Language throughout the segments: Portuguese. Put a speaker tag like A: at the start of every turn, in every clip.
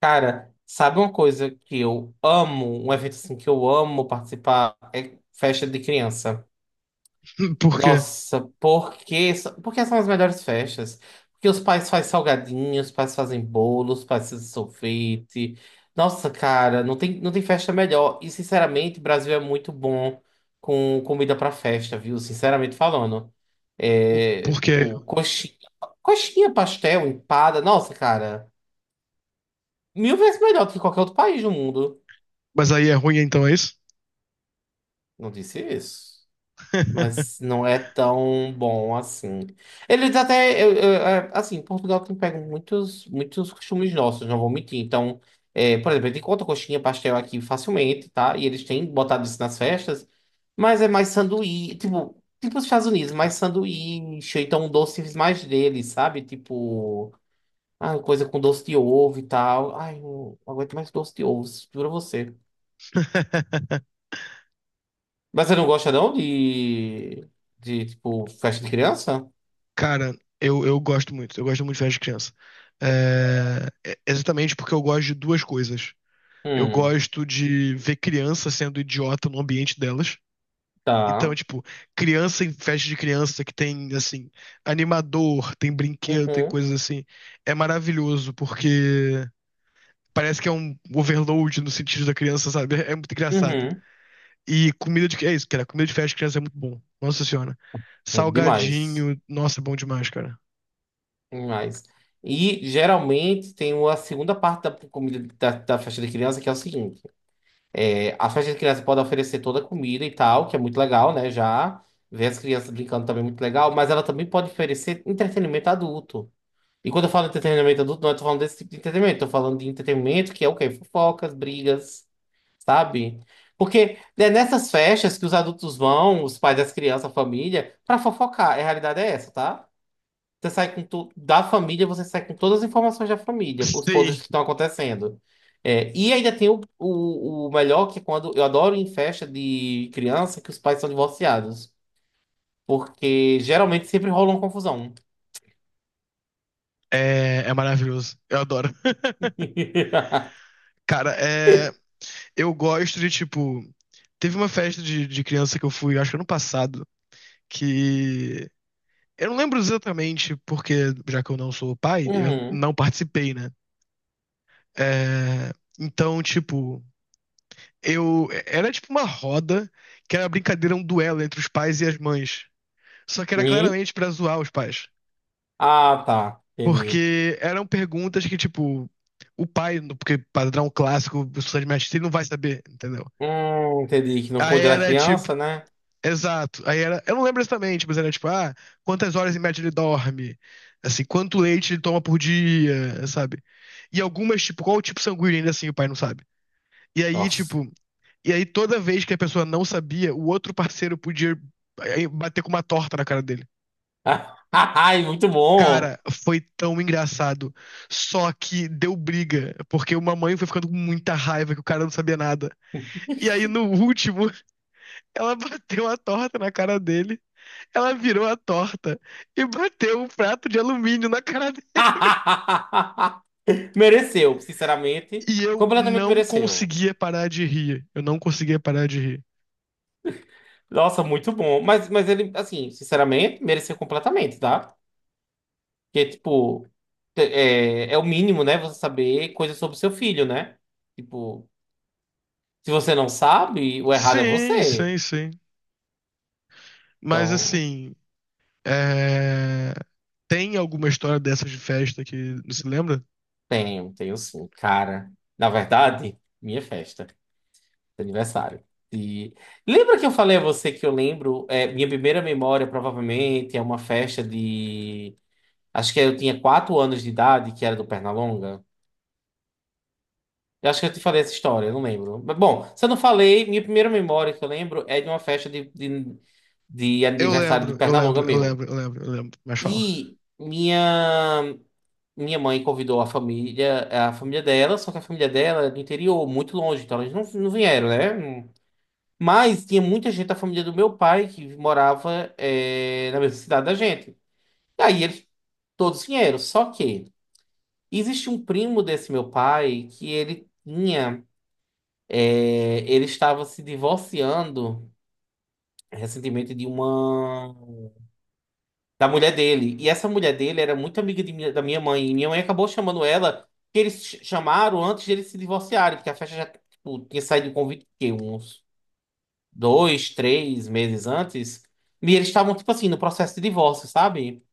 A: Cara, sabe uma coisa que eu amo, um evento assim que eu amo participar é festa de criança.
B: Por quê?
A: Nossa, porque são as melhores festas. Porque os pais fazem salgadinhos, os pais fazem bolos, os pais fazem sorvete. Nossa, cara, não tem festa melhor. E, sinceramente, o Brasil é muito bom com comida pra festa, viu? Sinceramente falando. É,
B: Porque.
A: pô, coxinha, pastel, empada. Nossa, cara, mil vezes melhor do que qualquer outro país do mundo.
B: Mas aí é ruim, então é isso?
A: Não disse isso. Mas não é tão bom assim. Eles até. Assim, Portugal tem pego muitos, muitos costumes nossos, não vou mentir. Então, por exemplo, a gente encontra coxinha, pastel aqui facilmente, tá? E eles têm botado isso nas festas. Mas é mais sanduíche. Tipo, os Estados Unidos, mais sanduíche. Ou então, doces mais deles, sabe? Tipo. Ah, coisa com doce de ovo e tal. Ai, não aguento mais doce de ovo, juro a você. Mas você não gosta não de, de tipo, festa de criança?
B: Cara, eu gosto muito. Eu gosto muito de festa de criança. É, é exatamente porque eu gosto de duas coisas. Eu
A: Hum,
B: gosto de ver criança sendo idiota no ambiente delas.
A: tá.
B: Então, tipo, criança em festa de criança que tem, assim, animador, tem brinquedo, tem
A: Uhum,
B: coisas assim. É maravilhoso, porque parece que é um overload no sentido da criança, sabe? É muito engraçado.
A: uhum.
B: E comida de. É isso, cara. Comida de festa de criança é muito bom. Nossa senhora.
A: Demais.
B: Salgadinho. Nossa, é bom demais, cara.
A: Demais. E geralmente tem uma segunda parte da comida da festa de criança que é o seguinte: a festa de criança pode oferecer toda a comida e tal, que é muito legal, né? Já ver as crianças brincando também é muito legal, mas ela também pode oferecer entretenimento adulto. E quando eu falo entretenimento adulto, não estou falando desse tipo de entretenimento, estou falando de entretenimento que é o quê? Fofocas, brigas, sabe? Porque é nessas festas que os adultos vão, os pais das crianças, a família, pra fofocar. A realidade é essa, tá? Você sai com da família, você sai com todas as informações da família, os
B: Sim.
A: podres que estão acontecendo. É, e ainda tem o melhor, que é quando eu adoro ir em festa de criança que os pais são divorciados. Porque geralmente sempre rola uma confusão.
B: É, é maravilhoso. Eu adoro. Cara, é, eu gosto de, tipo. Teve uma festa de criança que eu fui, acho que ano passado, que. Eu não lembro exatamente, porque já que eu não sou pai, eu
A: Uhum.
B: não participei, né? É, então, tipo, eu. Era tipo uma roda que era brincadeira, um duelo entre os pais e as mães. Só que era
A: E?
B: claramente pra zoar os pais.
A: Ah, tá. Entendi.
B: Porque eram perguntas que, tipo, o pai, porque padrão clássico, professor de mestre, ele não vai saber, entendeu?
A: Entendi que não
B: Aí
A: pôde dar
B: era tipo,
A: criança, né?
B: exato. Aí era, eu não lembro exatamente, mas era tipo, ah, quantas horas em média ele dorme? Assim, quanto leite ele toma por dia, sabe? E algumas, tipo, qual o tipo sanguíneo ainda assim o pai não sabe. E aí,
A: Nossa.
B: tipo, e aí toda vez que a pessoa não sabia, o outro parceiro podia bater com uma torta na cara dele.
A: Ai, muito
B: Cara,
A: bom.
B: foi tão engraçado. Só que deu briga, porque uma mãe foi ficando com muita raiva que o cara não sabia nada. E aí, no último, ela bateu a torta na cara dele. Ela virou a torta e bateu um prato de alumínio na cara dele.
A: Mereceu, sinceramente.
B: E eu
A: Completamente
B: não
A: mereceu.
B: conseguia parar de rir. Eu não conseguia parar de rir.
A: Nossa, muito bom. Mas, ele, assim, sinceramente, mereceu completamente, tá? Porque, tipo, é o mínimo, né? Você saber coisas sobre seu filho, né? Tipo, se você não sabe, o errado é
B: Sim,
A: você.
B: sim, sim. Mas
A: Então,
B: assim, é, tem alguma história dessas de festa que não se lembra?
A: tenho sim, cara. Na verdade, minha festa. Aniversário. E lembra que eu falei a você que eu lembro, minha primeira memória provavelmente é uma festa de, acho que eu tinha quatro anos de idade, que era do Pernalonga. Eu acho que eu te falei essa história, eu não lembro. Mas, bom, se eu não falei, minha primeira memória que eu lembro é de uma festa de, de
B: Eu
A: aniversário do
B: lembro, eu lembro,
A: Pernalonga
B: eu
A: meu.
B: lembro, eu lembro, eu lembro. Mas fala.
A: E minha mãe convidou a família dela, só que a família dela é do interior, muito longe, então eles não vieram, né? Mas tinha muita gente da família do meu pai que morava na mesma cidade da gente. E aí eles todos vieram. Só que existe um primo desse meu pai que ele tinha. Ele estava se divorciando recentemente de uma. Da mulher dele. E essa mulher dele era muito amiga de da minha mãe. E minha mãe acabou chamando ela, que eles chamaram antes de eles se divorciarem, porque a festa já tipo, tinha saído o convite, que uns. Dois, três meses antes, e eles estavam, tipo assim, no processo de divórcio, sabe?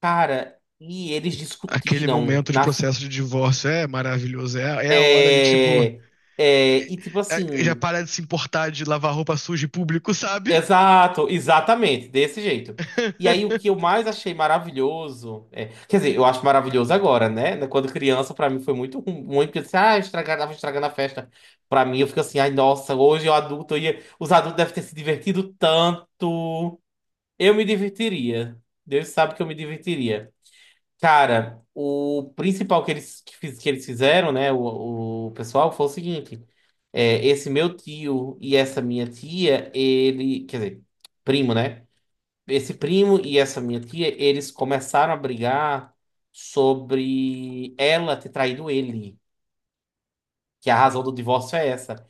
A: Cara, e eles
B: Aquele
A: discutiram
B: momento de
A: na.
B: processo de divórcio é maravilhoso. É, é a hora de, tipo,
A: É, é, e tipo
B: já
A: assim,
B: parar de se importar de lavar roupa suja em público, sabe?
A: exato, exatamente, desse jeito. E aí o que eu mais achei maravilhoso, quer dizer, eu acho maravilhoso agora, né? Né, quando criança, pra mim foi muito ruim, muito, porque eu disse, ah, tava estragando a festa. Pra mim, eu fico assim, ai, nossa, hoje eu adulto, eu ia, os adultos devem ter se divertido tanto. Eu me divertiria. Deus sabe que eu me divertiria. Cara, o principal que eles fizeram, né? O pessoal foi o seguinte: esse meu tio e essa minha tia, ele. Quer dizer, primo, né? Esse primo e essa minha tia, eles começaram a brigar sobre ela ter traído ele. Que a razão do divórcio é essa.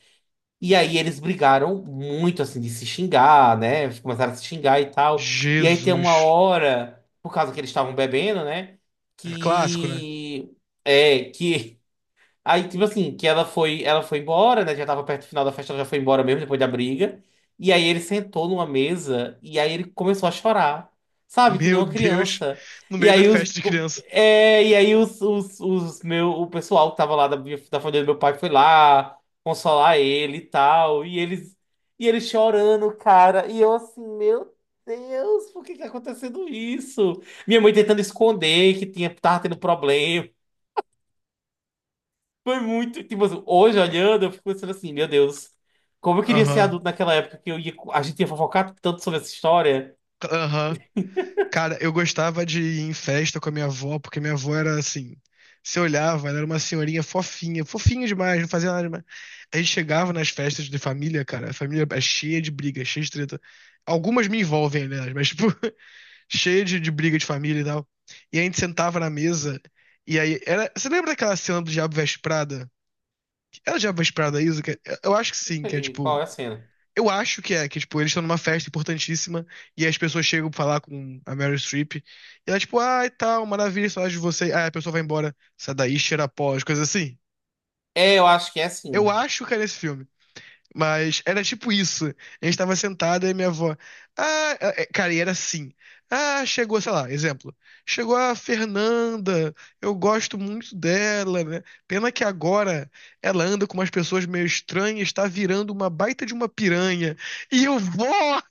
A: E aí eles brigaram muito, assim, de se xingar, né? Eles Começaram a se xingar e tal. E aí tem uma
B: Jesus.
A: hora, por causa que eles estavam bebendo, né?
B: É clássico, né?
A: Que. É, que Aí, tipo assim, que ela foi embora, né? Já tava perto do final da festa, ela já foi embora mesmo depois da briga. E aí ele sentou numa mesa e aí ele começou a chorar, sabe? Que nem
B: Meu
A: uma
B: Deus.
A: criança.
B: No
A: E
B: meio da
A: aí
B: festa de criança.
A: e aí o pessoal que tava lá da família do meu pai foi lá consolar ele e tal. E ele chorando, cara. E eu assim, meu Deus, por que que tá acontecendo isso? Minha mãe tentando esconder que tava tendo problema. Foi muito. Tipo, assim, hoje olhando, eu fico pensando assim, meu Deus, como eu queria ser
B: Aham.
A: adulto naquela época que eu ia, a gente ia fofocar tanto sobre essa história.
B: Aham. Cara, eu gostava de ir em festa com a minha avó, porque minha avó era assim. Você olhava, ela era uma senhorinha fofinha, fofinha demais, não fazia nada demais. A gente chegava nas festas de família, cara, a família é cheia de briga, cheia de treta. Algumas me envolvem, né? Mas, tipo, cheia de briga de família e tal. E a gente sentava na mesa, e aí era. Você lembra daquela cena do Diabo Veste Prada? Era o Diabo Veste Prada isso? Que- é, eu acho que
A: Não
B: sim, que é
A: sei qual
B: tipo.
A: é a cena.
B: Eu acho que é, que, tipo, eles estão numa festa importantíssima e as pessoas chegam pra falar com a Meryl Streep e ela, tipo, ai, tal, maravilha, saudade de você. Ah, a pessoa vai embora, sai daí, cheira pó, as coisas assim.
A: É, eu acho que é
B: Eu
A: assim.
B: acho que era esse filme. Mas era tipo isso. A gente tava sentada e minha avó, ah, é, é, cara, e era assim. Ah, chegou, sei lá, exemplo. Chegou a Fernanda, eu gosto muito dela, né? Pena que agora ela anda com umas pessoas meio estranhas, tá virando uma baita de uma piranha. E eu, vó!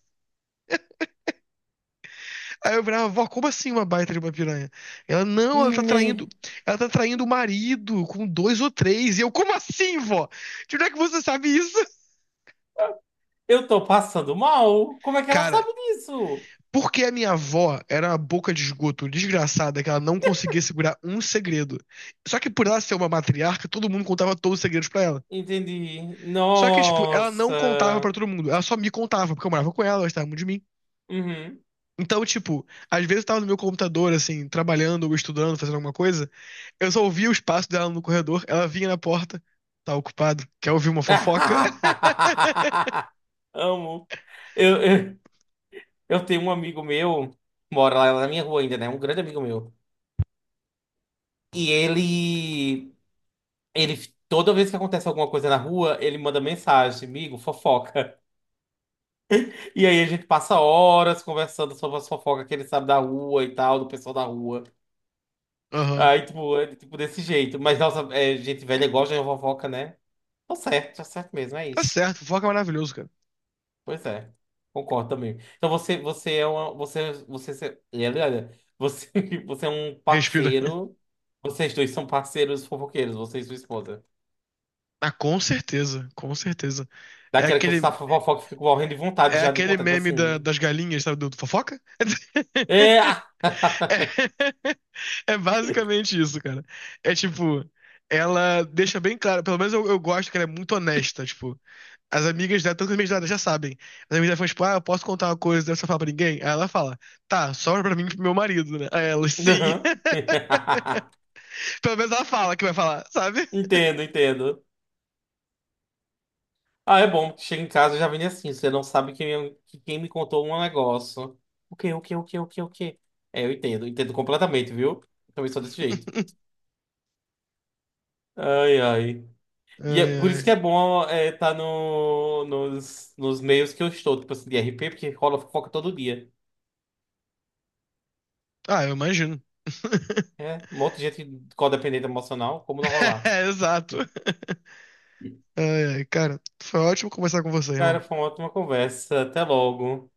B: Aí eu virava, vó, como assim uma baita de uma piranha? Ela, não,
A: Me-
B: ela tá traindo o marido com dois ou três. E eu, como assim, vó? De onde é que você sabe isso?
A: Eu tô passando mal? Como é que ela
B: Cara,
A: sabe disso?
B: porque a minha avó era uma boca de esgoto desgraçada que ela não conseguia segurar um segredo. Só que por ela ser uma matriarca, todo mundo contava todos os segredos pra ela.
A: Entendi.
B: Só que, tipo, ela não contava pra
A: Nossa.
B: todo mundo, ela só me contava, porque eu morava com ela, ela gostava muito de mim.
A: Uhum.
B: Então, tipo, às vezes eu tava no meu computador, assim, trabalhando ou estudando, fazendo alguma coisa. Eu só ouvia os passos dela no corredor, ela vinha na porta, tá ocupado, quer ouvir uma fofoca?
A: Amo. Eu, eu, eu tenho um amigo meu, mora lá na minha rua ainda, né? Um grande amigo meu. E ele. Ele, toda vez que acontece alguma coisa na rua, ele manda mensagem, amigo, fofoca. E aí a gente passa horas conversando sobre as fofocas que ele sabe da rua e tal, do pessoal da rua.
B: Aham.
A: Aí, tipo, tipo desse jeito. Mas, nossa, gente velha gosta de fofoca, né? Tá certo mesmo, é
B: Tá
A: isso.
B: certo, fofoca é maravilhoso, cara.
A: Pois é, concordo também. Então você, você é uma, você, você, você, você, você é um
B: Respira.
A: parceiro, vocês dois são parceiros fofoqueiros, você e sua esposa.
B: Ah, com certeza, com certeza. É
A: Daquela que você tá
B: aquele,
A: fofoca e fica morrendo de vontade
B: é
A: já de
B: aquele
A: contar, tipo
B: meme da-
A: assim...
B: das galinhas, sabe, do, do fofoca?
A: É.
B: É, é basicamente isso, cara. É tipo, ela deixa bem claro, pelo menos eu gosto que ela é muito honesta, tipo, as amigas dela, todas as amigas dela já sabem. As amigas dela falam, tipo, ah, eu posso contar uma coisa, você fala pra ninguém? Aí ela fala, tá, só pra mim e pro meu marido, né? Aí ela, sim.
A: Aham.
B: Pelo menos ela fala que vai falar, sabe?
A: Entendo, entendo. Ah, é bom. Chega em casa e já vem assim. Você não sabe quem, quem me contou um negócio. O quê, o quê, o quê, o quê, o quê? É, eu entendo. Entendo completamente, viu? Também sou desse jeito. Ai, ai.
B: Ai,
A: E é por isso que
B: ai.
A: é bom estar tá no, nos, nos meios que eu estou, tipo assim, de RP, porque rola fofoca todo dia.
B: Ah, eu imagino.
A: É, um monte de gente codependente emocional, como não rolar?
B: É, exato. Ai, ai, cara, foi ótimo conversar com você,
A: Cara,
B: irmão.
A: foi uma ótima conversa. Até logo.